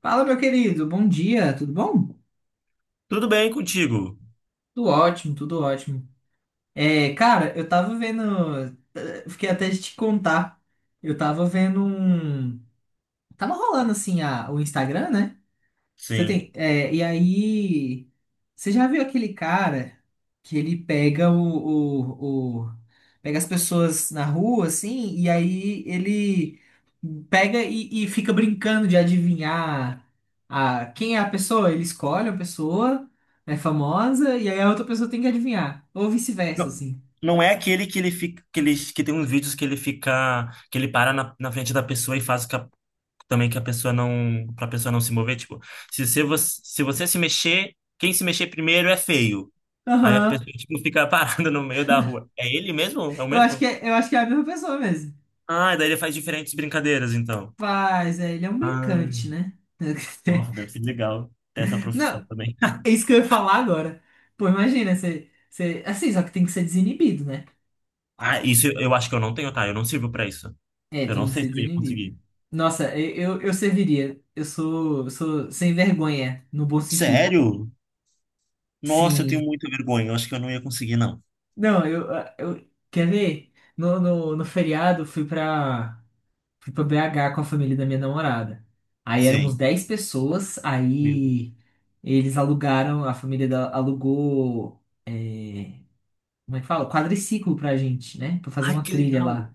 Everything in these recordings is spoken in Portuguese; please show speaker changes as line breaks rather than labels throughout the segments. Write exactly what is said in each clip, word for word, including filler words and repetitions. Fala, meu querido, bom dia, tudo bom?
Tudo bem contigo?
Tudo ótimo, tudo ótimo. É, cara, eu tava vendo. eh, Fiquei até de te contar. Eu tava vendo um. Tava rolando assim a, o Instagram, né? Você
Sim.
tem. É, e aí. Você já viu aquele cara que ele pega o, o, o- Pega as pessoas na rua, assim, e aí ele pega e, e fica brincando de adivinhar a, quem é a pessoa. Ele escolhe uma pessoa, é famosa, e aí a outra pessoa tem que adivinhar. Ou vice-versa,
Não,
assim.
não é aquele que ele fica, que ele, que tem uns vídeos que ele fica, que ele para na, na frente da pessoa e faz que a- também que a pessoa não, pra pessoa não se mover, tipo, se você, se você se mexer, quem se mexer primeiro é feio. Aí a
Aham.
pessoa, tipo, fica parada no meio da rua. É ele mesmo? É o
Eu acho que
mesmo?
é, eu acho que é a mesma pessoa mesmo.
Ah, daí ele faz diferentes brincadeiras, então.
Mas é, ele é um
Ah,
brincante, né?
nossa, deve ser legal ter essa profissão
Não,
também.
é isso que eu ia falar agora. Pô, imagina, você, você. Assim, só que tem que ser desinibido, né?
Ah, isso eu eu acho que eu não tenho, tá? Eu não sirvo pra isso.
É,
Eu
tem
não
que
sei
ser
se eu ia
desinibido.
conseguir.
Nossa, eu, eu, eu serviria. Eu sou, eu sou sem vergonha, no bom sentido.
Sério? Nossa, eu tenho
Sim.
muita vergonha. Eu acho que eu não ia conseguir, não.
Não, eu, eu. Quer ver? No, no, no feriado, fui pra, fui pra B H com a família da minha namorada. Aí éramos
Sim.
dez pessoas,
Meu Deus.
aí eles alugaram, a família da- alugou. é, como é que fala? Quadriciclo pra gente, né? Pra fazer
Ai,
uma
que
trilha
legal.
lá.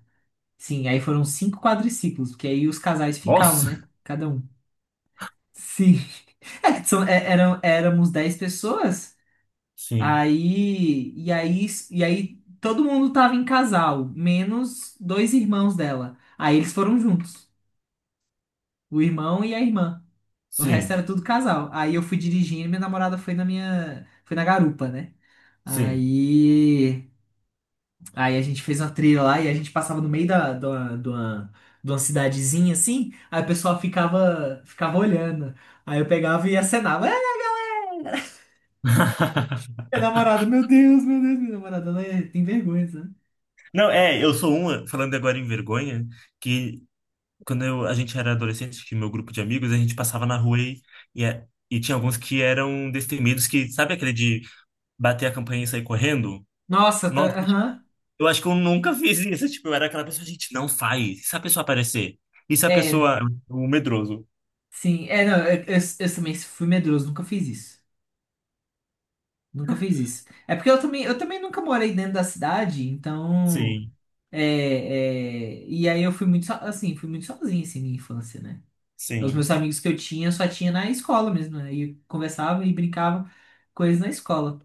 Sim, aí foram cinco quadriciclos, porque aí os casais ficavam,
Nossa.
né? Cada um. Sim. É, são, é, eram, éramos dez pessoas,
Sim,
aí, e aí, e aí todo mundo tava em casal, menos dois irmãos dela. Aí eles foram juntos, o irmão e a irmã. O resto
sim,
era tudo casal. Aí eu fui dirigindo e minha namorada foi na minha, foi na garupa, né?
sim.
Aí Aí a gente fez uma trilha lá e a gente passava no meio da, de uma, de uma, de uma cidadezinha assim, aí o pessoal ficava, ficava olhando. Aí eu pegava e acenava. É, minha namorada, meu Deus, meu Deus, minha namorada, ela é- tem vergonha, sabe?
Não, é, eu sou uma, falando agora em vergonha, que quando eu, a gente era adolescente, que meu grupo de amigos, a gente passava na rua e, e, é- e tinha alguns que eram destemidos, que sabe aquele de bater a campainha e sair correndo?
Nossa, tá,
Nossa,
aham.
eu acho que eu nunca fiz isso. Tipo, eu era aquela pessoa, gente, não faz. E se a pessoa aparecer? E se a
É,
pessoa. O medroso.
sim. É, não, eu, eu, eu também fui medroso, nunca fiz isso. Nunca fiz isso. É porque eu também, eu também nunca morei dentro da cidade, então.
Sim,
É, é, e aí eu fui muito, so- assim, fui muito sozinho assim, minha infância, né? Os
sim.
meus amigos que eu tinha, só tinha na escola mesmo. Aí e conversava e brincava com eles na escola.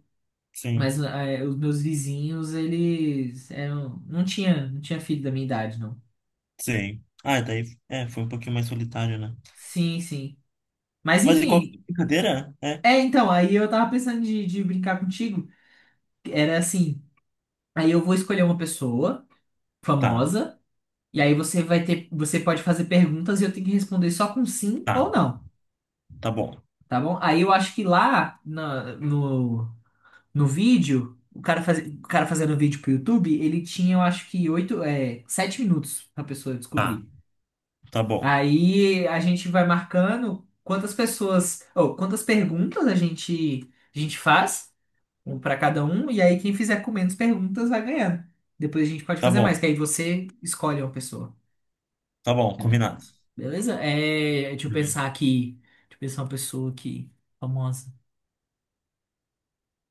Sim,
Mas eh, os meus vizinhos, eles eram, não tinha, não tinha filho da minha idade, não.
sim. Ah, daí é, foi um pouquinho mais solitário, né?
Sim, sim. Mas
Mas em qualquer
enfim,
brincadeira, é.
é então, aí eu tava pensando de, de brincar contigo. Era assim, aí eu vou escolher uma pessoa
Tá,
famosa, e aí você vai ter, você pode fazer perguntas e eu tenho que responder só com sim
tá,
ou não,
tá bom.
tá bom? Aí eu acho que lá na- no, no vídeo, o cara, faz... o cara fazendo vídeo pro YouTube, ele tinha, eu acho que oito, é, sete minutos pra pessoa
Tá,
descobrir.
tá bom,
Aí a gente vai marcando quantas pessoas, ou quantas perguntas a gente, a gente faz, um pra cada um, e aí quem fizer com menos perguntas vai ganhando. Depois a gente pode
tá
fazer mais,
bom,
que aí você escolhe uma pessoa.
tá bom, combinado.
Beleza? É, deixa eu pensar
Beleza.
aqui. Deixa eu pensar uma pessoa aqui, famosa.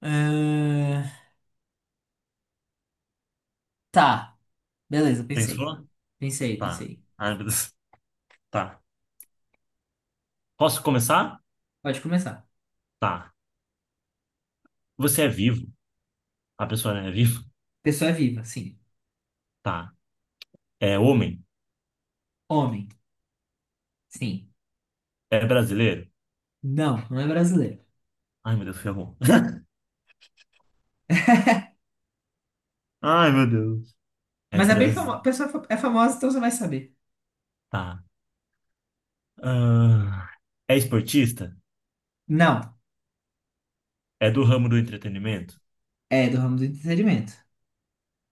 Ah, tá, beleza, pensei.
Pensou?
Pensei,
Tá.
pensei.
Ai, meu Deus. Tá. Posso começar?
Pode começar.
Tá. Você é vivo? A pessoa é viva?
Pessoa é viva, sim.
Tá. É homem?
Homem, sim.
É brasileiro?
Não, não é brasileiro.
Ai, meu Deus, ferrou. Ai, meu Deus. É
Mas é bem
Brasil.
famosa. Pessoa fa- é famosa, então você vai saber.
Tá. Ah, é esportista?
Não,
É do ramo do entretenimento?
é do ramo do entretenimento.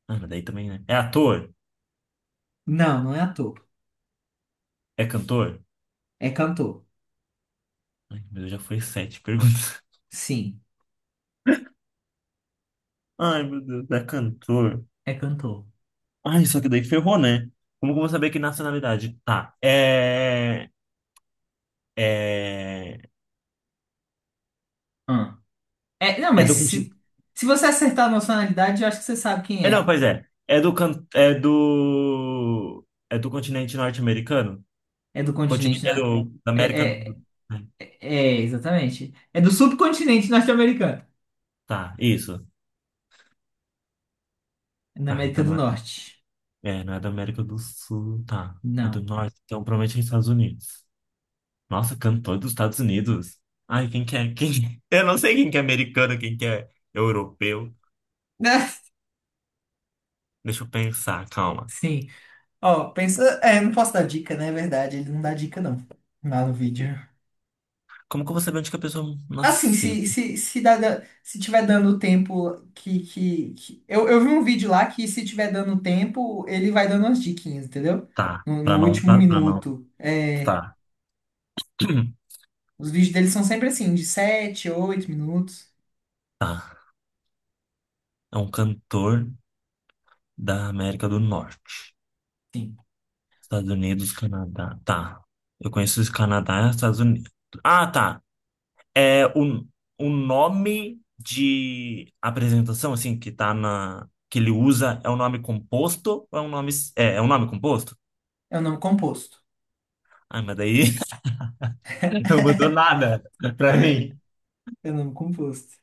Ah, mas daí também, né? É ator?
Não, não é ator.
É cantor?
É cantor.
Ai, meu Deus, já foi sete perguntas.
Sim,
Ai, meu Deus, é cantor.
é cantor.
Ai, só que daí ferrou, né? Como que eu vou saber que nacionalidade? Tá, é... É...
Hum. É, não,
É
mas
do
se,
continente...
se você acertar a nacionalidade, eu acho que você sabe quem
É, não,
é.
pois é. É do... can- É do... É do continente norte-americano?
É do
Continente...
continente,
É
né?
do... da América
É,
do...
é,
é,
é, exatamente. É do subcontinente norte-americano.
Tá, isso.
Na
Ah,
América
então
do
não é...
Norte.
é, não é da América do Sul, tá. É do
Não.
Norte, então provavelmente é Estados Unidos. Nossa, cantor dos Estados Unidos. Ai, quem que é? Quem... Eu não sei quem que é americano, quem que é europeu. Deixa eu pensar, calma.
Sim. Ó, pensa. É, não posso dar dica, né? É verdade, ele não dá dica, não. Lá no vídeo.
Como que eu vou saber onde que a pessoa
Assim,
nasceu?
se, se, se, dá, dá- se tiver dando tempo que, que, que- Eu, eu vi um vídeo lá que se tiver dando tempo, ele vai dando umas diquinhas, entendeu?
Tá,
No,
pra
no,
não,
último
pra, pra não.
minuto. É,
Tá.
os vídeos dele são sempre assim, de sete oito minutos.
Tá. É um cantor da América do Norte.
Sim.
Estados Unidos, Canadá. Tá. Eu conheço os Canadá e os Estados Unidos. Ah, tá. É o, o nome de apresentação, assim, que tá na... que ele usa, é um nome composto ou é um nome... É, é um nome composto?
É o nome composto.
Ai, mas daí não mudou nada pra mim.
É o nome composto.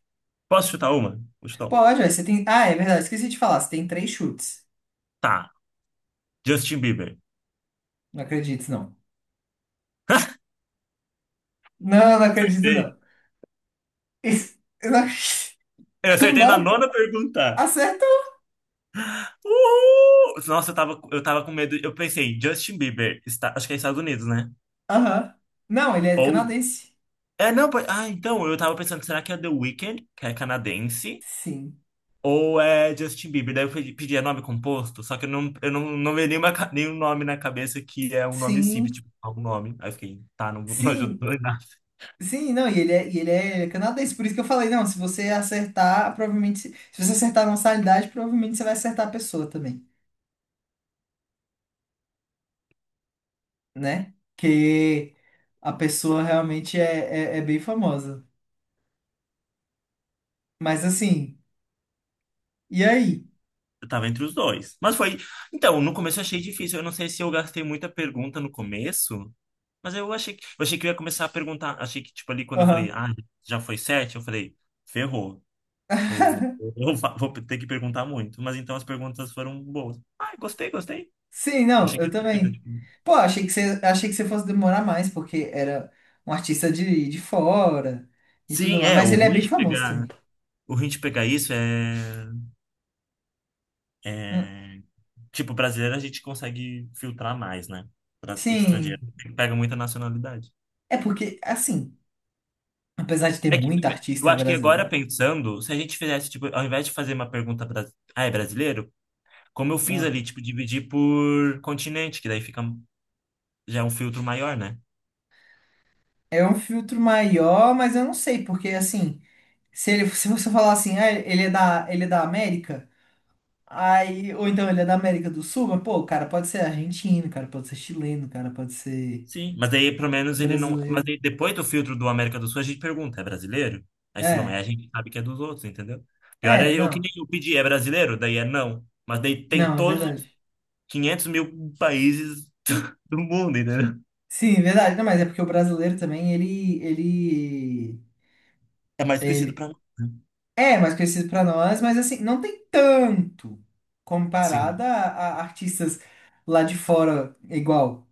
Posso chutar uma? Vou chutar uma.
Pode, ué, você tem. Ah, é verdade, esqueci de falar. Você tem três chutes.
Tá, Justin Bieber.
Não acredito, não. Não, não acredito,
Acertei.
não. Isso- Eu não acredito.
Eu
Com
acertei na
nove?
nona pergunta.
Acertou!
Uhul! Nossa, eu tava, eu tava com medo. Eu pensei, Justin Bieber, está, acho que é Estados Unidos, né?
Aham. Não, ele é
Ou.
canadense.
É, não, pode- ah, então, eu tava pensando, será que é The Weeknd, que é canadense?
Sim.
Ou é Justin Bieber. Daí eu pedi, pedi, é nome composto, só que eu não, eu não, não veio nenhuma, ca- nenhum nome na cabeça que é um nome simples,
Sim.
tipo, algum nome. Aí eu fiquei, tá, não, não
Sim.
ajudou em nada.
Sim, não, e ele é, e ele é canadense. Por isso que eu falei, não, se você acertar, provavelmente. Se se você acertar a nacionalidade, provavelmente você vai acertar a pessoa também, né? Que a pessoa realmente é, é, é bem famosa. Mas assim, e aí?
Eu tava entre os dois. Mas foi. Então, no começo eu achei difícil. Eu não sei se eu gastei muita pergunta no começo, mas eu achei que, eu achei que eu ia começar a perguntar. Achei que, tipo, ali quando eu falei,
Aham.
ah, já foi sete, eu falei, ferrou. Eu vou, eu va- vou ter que perguntar muito. Mas então as perguntas foram boas. Ah, gostei, gostei.
Sim,
Eu
não,
achei que.
eu também. Pô, achei que você, achei que você fosse demorar mais, porque era um artista de, de fora e tudo
Sim,
mais.
é,
Mas
o
ele é
ruim
bem
de
famoso também.
pegar. O ruim de pegar isso é,
Hum.
é... Tipo, brasileiro a gente consegue filtrar mais, né? Pra- Estrangeiro
Sim.
pega muita nacionalidade.
É porque, assim, apesar de ter
É que
muita
também, eu
artista
acho que agora
brasileira,
pensando, se a gente fizesse, tipo, ao invés de fazer uma pergunta, bras- ah, é brasileiro? Como eu
ó,
fiz ali, tipo, dividir por continente, que daí fica, já é um filtro maior, né?
é um filtro maior, mas eu não sei, porque assim, se ele, se você falar assim, ah, ele é da, ele é da América, aí, ou então ele é da América do Sul, mas, pô, o cara pode ser argentino, o cara pode ser chileno, o cara pode ser
Sim, mas aí pelo menos ele não. Mas
brasileiro.
aí, depois do filtro do América do Sul, a gente pergunta: é brasileiro? Aí se não é,
É,
a gente sabe que é dos outros, entendeu? Pior
é,
é eu que
não.
nem eu pedi: é brasileiro? Daí é não. Mas daí tem
Não, é
todos os
verdade.
quinhentos mil países do mundo, entendeu?
Sim, é verdade. Não, mas é porque o brasileiro também, ele, ele,
É mais conhecido
ele
pra nós. Né?
é mais conhecido pra nós, mas assim, não tem tanto comparado
Sim.
a, a artistas lá de fora, igual,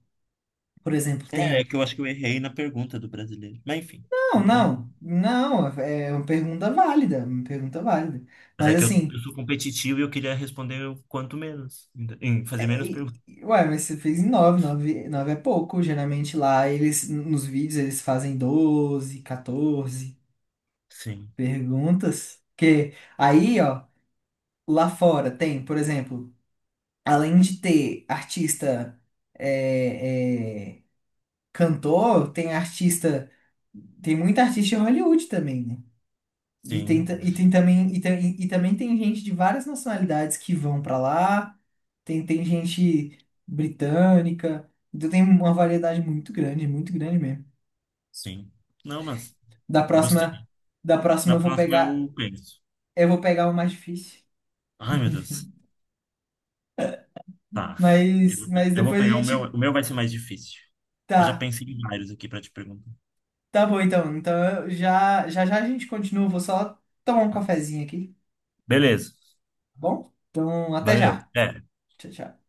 por exemplo,
É, é
tem.
que eu acho que eu errei na pergunta do brasileiro. Mas enfim, deu
Não,
pra.
não, não, é uma pergunta válida, uma pergunta válida.
Mas
Mas
é que eu, eu
assim,
sou competitivo e eu queria responder o quanto menos, ent- em fazer
é,
menos
e-
perguntas.
ué, mas você fez em nove, nove, nove é pouco. Geralmente lá, eles, nos vídeos, eles fazem doze quatorze
Sim,
perguntas. Que aí, ó. Lá fora tem, por exemplo, além de ter artista é, é, cantor, tem artista, tem muita artista em Hollywood também, né? E tem,
sim,
ta- e tem também e, tem- e também tem gente de várias nacionalidades que vão pra lá, tem, tem gente britânica, então tem uma variedade muito grande, muito grande mesmo.
sim. Não, mas
Da
gostei.
próxima, da próxima
Na
eu vou
próxima
pegar,
eu penso.
eu vou pegar o mais difícil,
Ai, meu Deus. Tá. Eu,
mas, mas
eu vou
depois a
pegar o meu.
gente
O meu vai ser mais difícil. Eu já
tá.
pensei em vários aqui pra te perguntar.
Tá bom, então. Então, eu já, já já a gente continua. Vou só tomar um cafezinho aqui,
Beleza.
tá bom? Então, até
Valeu.
já.
Até.
Tchau, tchau.